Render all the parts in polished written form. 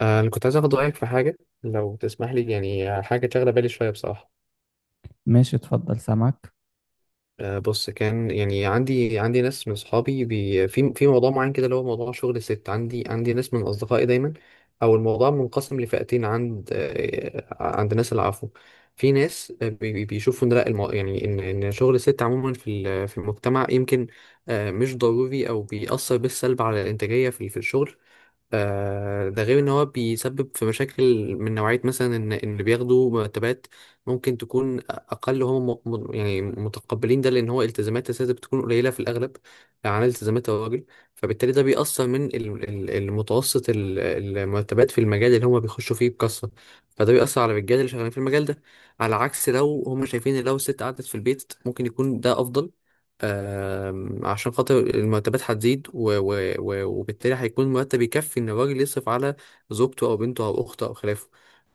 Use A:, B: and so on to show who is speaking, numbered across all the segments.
A: أنا كنت عايز أخد رأيك في حاجة، لو تسمح لي، يعني حاجة شاغلة بالي شوية بصراحة.
B: ماشي، اتفضل، سامعك.
A: بص، كان يعني عندي ناس من أصحابي بي في في موضوع معين كده، اللي هو موضوع شغل الست. عندي ناس من أصدقائي دايما، أو الموضوع منقسم لفئتين. عند ناس، العفو، في ناس بيشوفوا إن لا يعني إن شغل الست عموما في المجتمع يمكن مش ضروري، أو بيأثر بالسلب على الإنتاجية في الشغل. ده غير ان هو بيسبب في مشاكل من نوعية، مثلا ان اللي بياخدوا مرتبات ممكن تكون اقل، هم يعني متقبلين ده، لان هو التزامات السياسة بتكون قليلة في الاغلب عن التزامات الراجل. فبالتالي ده بيأثر من المتوسط المرتبات في المجال اللي هم بيخشوا فيه بكثرة، فده بيأثر على الرجاله اللي شغالين في المجال ده. على عكس لو هم شايفين إن لو الست قعدت في البيت ممكن يكون ده افضل، عشان خاطر المرتبات هتزيد وبالتالي هيكون مرتب يكفي ان الراجل يصرف على زوجته او بنته او اخته او خلافه،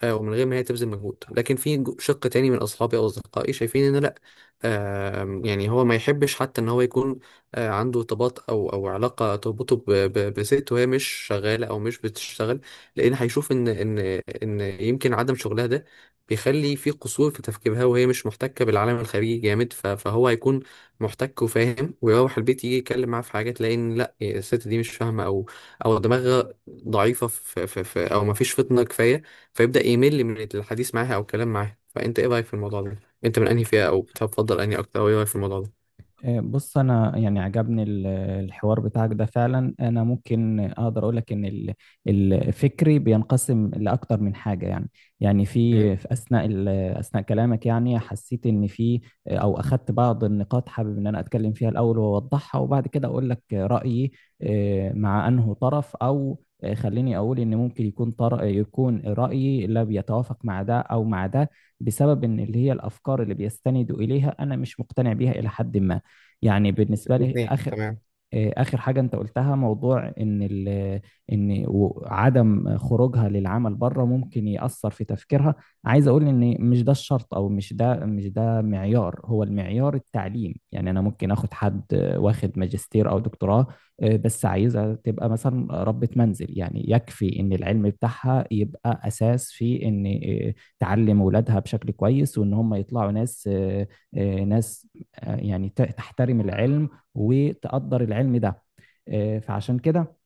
A: ومن غير ما هي تبذل مجهود. لكن في شق تاني من اصحابي او اصدقائي شايفين ان لا، يعني هو ما يحبش حتى ان هو يكون عنده ارتباط، او علاقه تربطه بست وهي مش شغاله او مش بتشتغل، لان هيشوف ان يمكن عدم شغلها ده بيخلي في قصور في تفكيرها، وهي مش محتكه بالعالم الخارجي جامد. فهو هيكون محتك وفاهم ويروح البيت، يجي يتكلم معاه في حاجة تلاقي ان لا الست دي مش فاهمة، او او دماغها ضعيفة في في في او ما فيش فطنة كفاية، فيبدأ يمل من الحديث معاها او الكلام معاها. فانت ايه رأيك في الموضوع ده؟ انت من انهي فئة، او بتفضل انهي اكتر، او ايه رأيك في الموضوع ده؟
B: بص، انا يعني عجبني الحوار بتاعك ده فعلا. انا ممكن اقدر اقول لك ان الفكري بينقسم لاكتر من حاجه يعني. يعني
A: مم.
B: في اثناء كلامك يعني حسيت ان في، او اخدت بعض النقاط حابب ان انا اتكلم فيها الاول واوضحها وبعد كده اقول لك رايي. مع انه طرف او خليني اقول ان ممكن يكون رايي لا بيتوافق مع ده او مع ده، بسبب ان اللي هي الافكار اللي بيستندوا اليها انا مش مقتنع بيها الى حد ما. يعني بالنسبه لي
A: الاثنين
B: اخر
A: تمام.
B: آه، آخر حاجة أنت قلتها، موضوع إن عدم خروجها للعمل بره ممكن يأثر في تفكيرها. عايز أقول إن مش ده الشرط، أو مش ده معيار، هو المعيار التعليم. يعني أنا ممكن آخد حد واخد ماجستير أو دكتوراه. بس عايزة تبقى مثلا ربة منزل، يعني يكفي إن العلم بتاعها يبقى أساس في إن آه، تعلم ولادها بشكل كويس، وإن هم يطلعوا ناس يعني تحترم العلم وتقدر العلم ده. آه، فعشان كده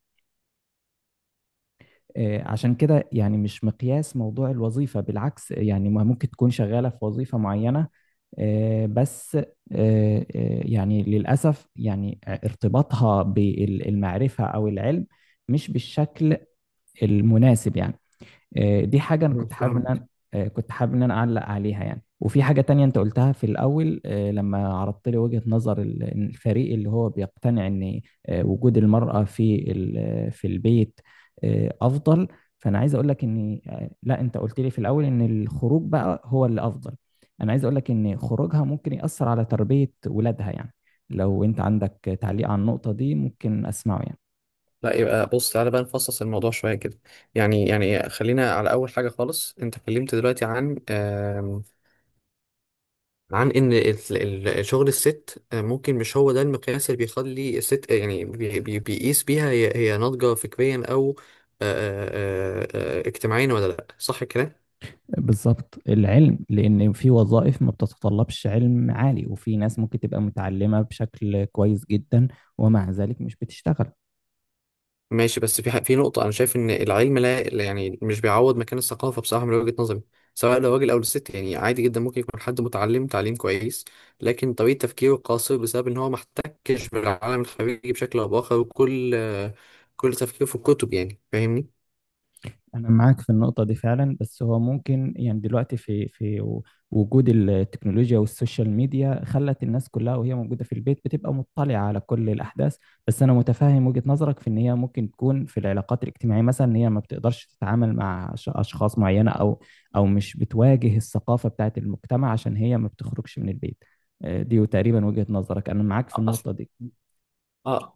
B: آه، عشان كده يعني مش مقياس موضوع الوظيفة، بالعكس يعني ما ممكن تكون شغالة في وظيفة معينة، بس آه، يعني للأسف يعني ارتباطها بالمعرفة أو العلم مش بالشكل المناسب يعني. دي حاجة أنا
A: مم،
B: كنت حابب إن
A: فهمت.
B: أنا آه، كنت حابب إن أنا أعلق عليها يعني. وفي حاجة تانية أنت قلتها في الأول، لما عرضت لي وجهة نظر إن الفريق اللي هو بيقتنع إن وجود المرأة في البيت أفضل. فأنا عايز أقول لك إن، لا، أنت قلت لي في الأول إن الخروج بقى هو اللي أفضل. أنا عايز أقول لك إن خروجها ممكن يأثر على تربية ولادها يعني. لو أنت عندك تعليق على النقطة دي ممكن أسمعه يعني.
A: لا، يبقى بص تعالى بقى نفصص الموضوع شوية كده. يعني خلينا على أول حاجة خالص. أنت اتكلمت دلوقتي عن ان شغل الست ممكن مش هو ده المقياس اللي بيخلي الست، يعني بيقيس بيها هي ناضجة فكريا، او آه، آه، اجتماعيا، ولا لا، صح كده؟
B: بالظبط، العلم، لان في وظائف ما بتتطلبش علم عالي، وفي ناس ممكن تبقى متعلمة بشكل كويس جدا ومع ذلك مش بتشتغل.
A: ماشي، بس في في نقطة انا شايف ان العلم، لا يعني مش بيعوض مكان الثقافة بصراحة من وجهة نظري، سواء لو راجل او للست. يعني عادي جدا ممكن يكون حد متعلم تعليم كويس، لكن طريقة تفكيره قاصر بسبب ان هو ما احتكش بالعالم الخارجي بشكل او باخر، وكل كل تفكيره في الكتب، يعني فاهمني.
B: أنا معاك في النقطة دي فعلا، بس هو ممكن يعني دلوقتي في وجود التكنولوجيا والسوشيال ميديا خلت الناس كلها وهي موجودة في البيت بتبقى مطلعة على كل الأحداث. بس أنا متفهم وجهة نظرك في إن هي ممكن تكون في العلاقات الاجتماعية مثلا، إن هي ما بتقدرش تتعامل مع أشخاص معينة، أو مش بتواجه الثقافة بتاعت المجتمع عشان هي ما بتخرجش من البيت. دي تقريبا وجهة نظرك، أنا معاك في النقطة دي.
A: أصلا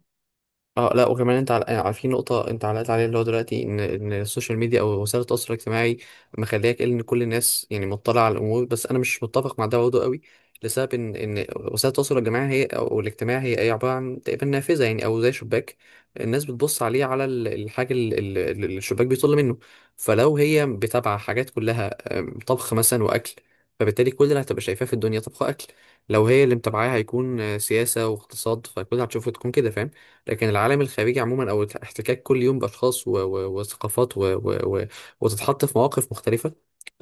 A: اه لا، وكمان انت يعني في نقطة انت علقت عليها، اللي هو دلوقتي ان السوشيال ميديا او وسائل التواصل الاجتماعي مخلياك إيه، ان كل الناس يعني مطلعة على الامور. بس انا مش متفق مع ده برضه قوي، لسبب ان وسائل التواصل الجماعي هي، او الاجتماعي، هي عبارة عن تقريبا نافذة، يعني او زي شباك الناس بتبص عليه، على الحاجة اللي الشباك بيطل منه. فلو هي بتابعة حاجات كلها طبخ مثلا واكل، فبالتالي كل اللي هتبقى شايفاه في الدنيا طبخ اكل. لو هي اللي متابعاها هيكون سياسة واقتصاد، فكل اللي هتشوفه تكون كده، فاهم. لكن العالم الخارجي عموما، او الاحتكاك كل يوم باشخاص وثقافات وتتحط في مواقف مختلفه،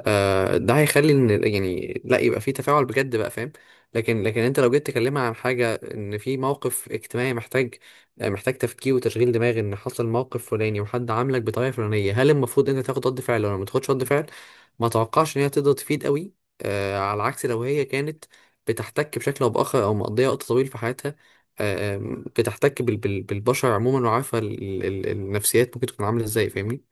A: ده هيخلي ان يعني لا يبقى في تفاعل بجد، بقى فاهم. لكن انت لو جيت تكلمها عن حاجه، ان في موقف اجتماعي محتاج محتاج تفكير وتشغيل دماغ، ان حصل موقف فلاني وحد عاملك بطريقه فلانيه، هل المفروض انت تاخد رد فعل ولا ما تاخدش رد فعل؟ ما توقعش ان هي تقدر تفيد قوي، على عكس لو هي كانت بتحتك بشكل او باخر، او مقضيه وقت طويل في حياتها، آه، آم، بتحتك بالبشر عموما، وعارفه النفسيات ممكن تكون عامله ازاي، فاهمني.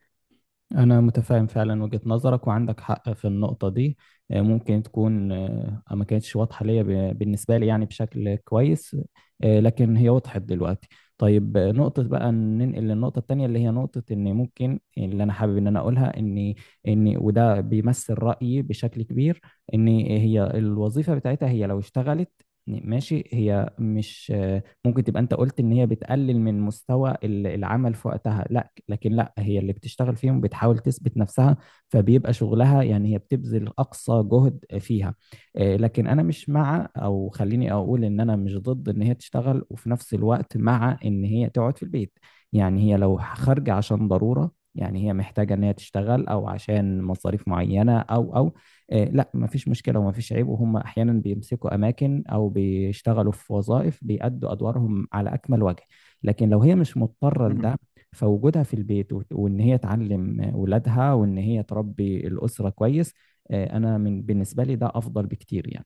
B: أنا متفاهم فعلا وجهة نظرك وعندك حق في النقطة دي. ممكن تكون ما كانتش واضحة ليا بالنسبة لي يعني بشكل كويس، لكن هي وضحت دلوقتي. طيب. نقطة، بقى ننقل للنقطة التانية اللي هي نقطة إن ممكن، اللي أنا حابب إن أنا أقولها، إن وده بيمثل رأيي بشكل كبير، إن هي الوظيفة بتاعتها، هي لو اشتغلت ماشي، هي مش ممكن تبقى، انت قلت ان هي بتقلل من مستوى العمل في وقتها، لا. لكن لا، هي اللي بتشتغل فيهم بتحاول تثبت نفسها، فبيبقى شغلها يعني هي بتبذل أقصى جهد فيها. لكن أنا مش مع، أو خليني أقول إن أنا مش ضد إن هي تشتغل وفي نفس الوقت مع إن هي تقعد في البيت. يعني هي لو خارجة عشان ضرورة، يعني هي محتاجة إن هي تشتغل أو عشان مصاريف معينة، أو أو لا مفيش مشكلة ومفيش عيب، وهم أحيانا بيمسكوا أماكن أو بيشتغلوا في وظائف بيأدوا أدوارهم على أكمل وجه. لكن لو هي مش مضطرة لده، فوجودها في البيت وان هي تعلم ولادها وان هي تربي الأسرة كويس، انا بالنسبة لي ده افضل بكتير يعني.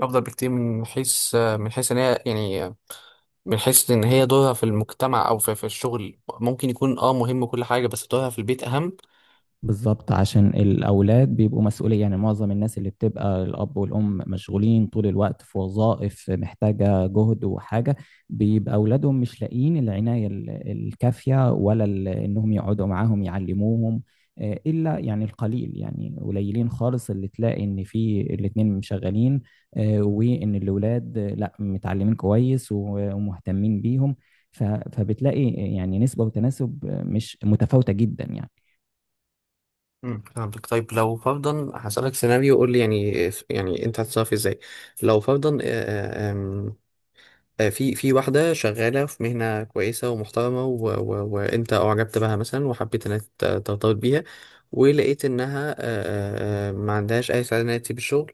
A: افضل بكتير، من حيث من حيث ان هي يعني من حيث ان هي دورها في المجتمع او في الشغل ممكن يكون اه مهم وكل حاجه، بس دورها في البيت اهم.
B: بالظبط، عشان الأولاد بيبقوا مسؤولية يعني. معظم الناس اللي بتبقى الأب والأم مشغولين طول الوقت في وظائف محتاجة جهد وحاجة، بيبقى أولادهم مش لاقيين العناية الكافية، ولا إنهم يقعدوا معاهم يعلموهم. إلا يعني القليل، يعني قليلين خالص اللي تلاقي إن في الاتنين مشغلين وإن الأولاد لا متعلمين كويس ومهتمين بيهم. فبتلاقي يعني نسبة وتناسب مش متفاوتة جدا يعني.
A: امم، فهمتك. طيب، لو فرضا هسألك سيناريو، قول لي يعني، يعني انت هتتصرف ازاي لو فرضا آه، آم، آه، في واحدة شغالة في مهنة كويسة ومحترمة وأنت أعجبت بها مثلا، وحبيت إنك ترتبط بيها، ولقيت إنها ما عندهاش أي سعادة إنها تسيب الشغل.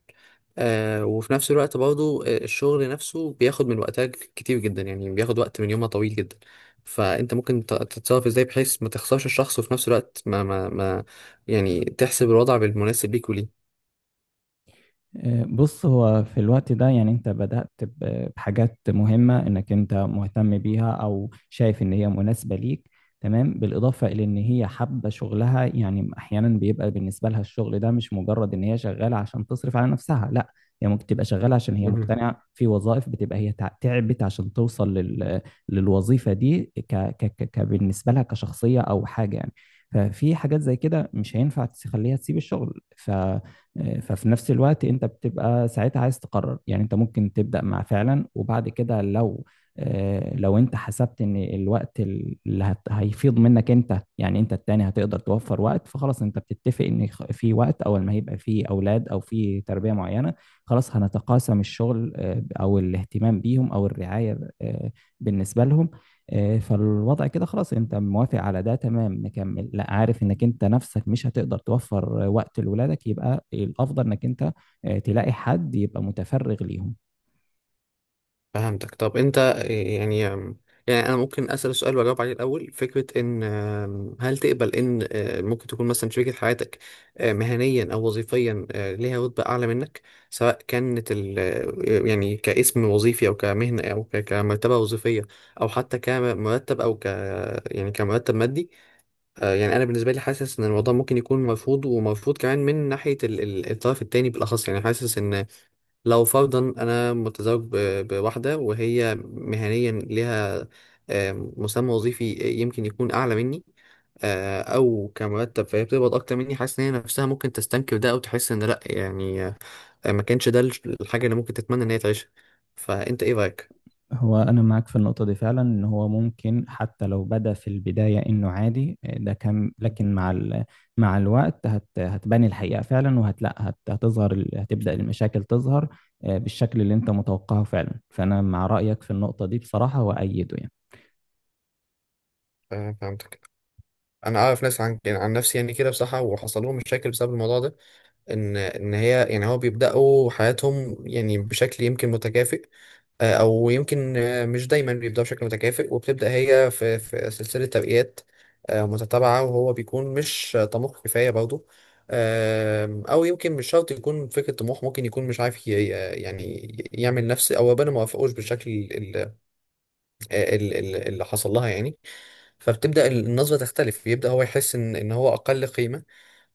A: وفي نفس الوقت برضو الشغل نفسه بياخد من وقتها كتير جدا، يعني بياخد وقت من يومها طويل جدا. فأنت ممكن تتصرف إزاي بحيث ما تخسرش الشخص، وفي نفس الوقت ما يعني تحسب الوضع بالمناسب ليك؟
B: بص، هو في الوقت ده يعني انت بدأت بحاجات مهمة انك انت مهتم بيها او شايف ان هي مناسبة ليك، تمام، بالإضافة إلى إن هي حابة شغلها. يعني أحيانا بيبقى بالنسبة لها الشغل ده مش مجرد إن هي شغالة عشان تصرف على نفسها، لا، هي ممكن تبقى شغالة عشان هي
A: وليه.
B: مقتنعة في وظائف، بتبقى هي تعبت عشان توصل للوظيفة دي بالنسبة لها كشخصية أو حاجة يعني. ففي حاجات زي كده مش هينفع تخليها تسيب الشغل. ف... آه، ففي نفس الوقت انت بتبقى ساعتها عايز تقرر يعني. انت ممكن تبدأ مع فعلا، وبعد كده لو انت حسبت ان الوقت اللي هيفيض منك انت، يعني انت التاني هتقدر توفر وقت، فخلاص انت بتتفق ان في وقت اول ما هيبقى في اولاد او في تربية معينة، خلاص هنتقاسم الشغل او الاهتمام بيهم او الرعاية بالنسبة لهم. فالوضع كده خلاص انت موافق على ده، تمام نكمل. لا، عارف انك انت نفسك مش هتقدر توفر وقت لولادك، يبقى الافضل انك انت تلاقي حد يبقى متفرغ ليهم.
A: فهمتك. طب انت يعني، يعني انا ممكن اسال سؤال واجاوب عليه الاول: فكره ان هل تقبل ان ممكن تكون مثلا شريكه حياتك مهنيا او وظيفيا ليها رتبه اعلى منك، سواء كانت ال آه، يعني كاسم وظيفي او كمهنه، او كمرتبه وظيفيه، او حتى كمرتب، او يعني كمرتب مادي؟ يعني انا بالنسبه لي حاسس ان الموضوع ممكن يكون مرفوض، ومرفوض كمان من ناحيه الطرف التاني بالاخص. يعني حاسس ان لو فرضا انا متزوج بواحده، وهي مهنيا لها مسمى وظيفي يمكن يكون اعلى مني، او كمرتب، فهي بتقبض اكتر مني، حاسس ان هي نفسها ممكن تستنكر ده، او تحس ان لا، يعني ما كانش ده الحاجه اللي ممكن تتمنى ان هي تعيشها. فانت ايه رايك؟
B: هو أنا معاك في النقطة دي فعلا، إن هو ممكن حتى لو بدأ في البداية إنه عادي، ده كان، لكن مع الوقت هتبان الحقيقة فعلا، وهتلاقي هتبدأ المشاكل تظهر بالشكل اللي أنت متوقعه فعلا. فأنا مع رأيك في النقطة دي بصراحة وأيده يعني.
A: فهمتك. انا اعرف ناس، عن يعني عن نفسي يعني كده بصراحه، وحصل لهم مشاكل بسبب الموضوع ده. ان هي يعني هو بيبداوا حياتهم يعني بشكل يمكن متكافئ، او يمكن مش دايما بيبداوا بشكل متكافئ، وبتبدا هي في سلسله تبقيات متتابعه، وهو بيكون مش طموح كفايه برضه. او يمكن مش شرط يكون فكره طموح، ممكن يكون مش عارف يعني يعمل نفس، او ربنا ما وافقوش بالشكل اللي حصل لها يعني. فبتبدا النظره تختلف، بيبدا هو يحس ان هو اقل قيمه.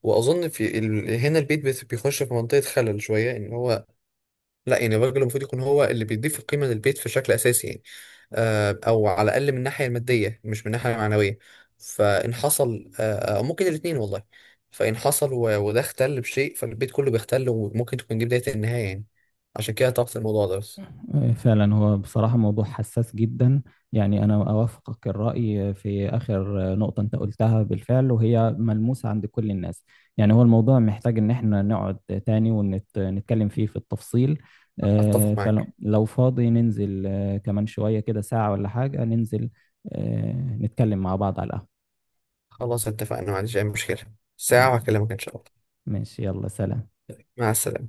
A: واظن في هنا البيت بيخش في منطقه خلل شويه، ان هو لا، يعني الراجل المفروض يكون هو اللي بيضيف القيمه للبيت في شكل اساسي يعني، او على الاقل من الناحيه الماديه مش من الناحيه المعنويه. فان حصل او ممكن الاثنين، والله. فان حصل وده اختل بشيء، فالبيت كله بيختل، وممكن تكون دي بدايه النهايه يعني. عشان كده طرحت الموضوع ده، بس.
B: فعلا، هو بصراحة موضوع حساس جدا. يعني أنا أوافقك الرأي في آخر نقطة أنت قلتها بالفعل وهي ملموسة عند كل الناس. يعني هو الموضوع محتاج إن إحنا نقعد تاني ونتكلم فيه في التفصيل.
A: اتفق معاك.
B: فلو فاضي ننزل كمان شوية كده، ساعة ولا حاجة، ننزل آه، نتكلم مع بعض على
A: خلاص اتفقنا، ما عنديش اي مشكله. ساعه
B: القهوة.
A: وهكلمك ان شاء الله.
B: ماشي، يلا سلام.
A: مع السلامه.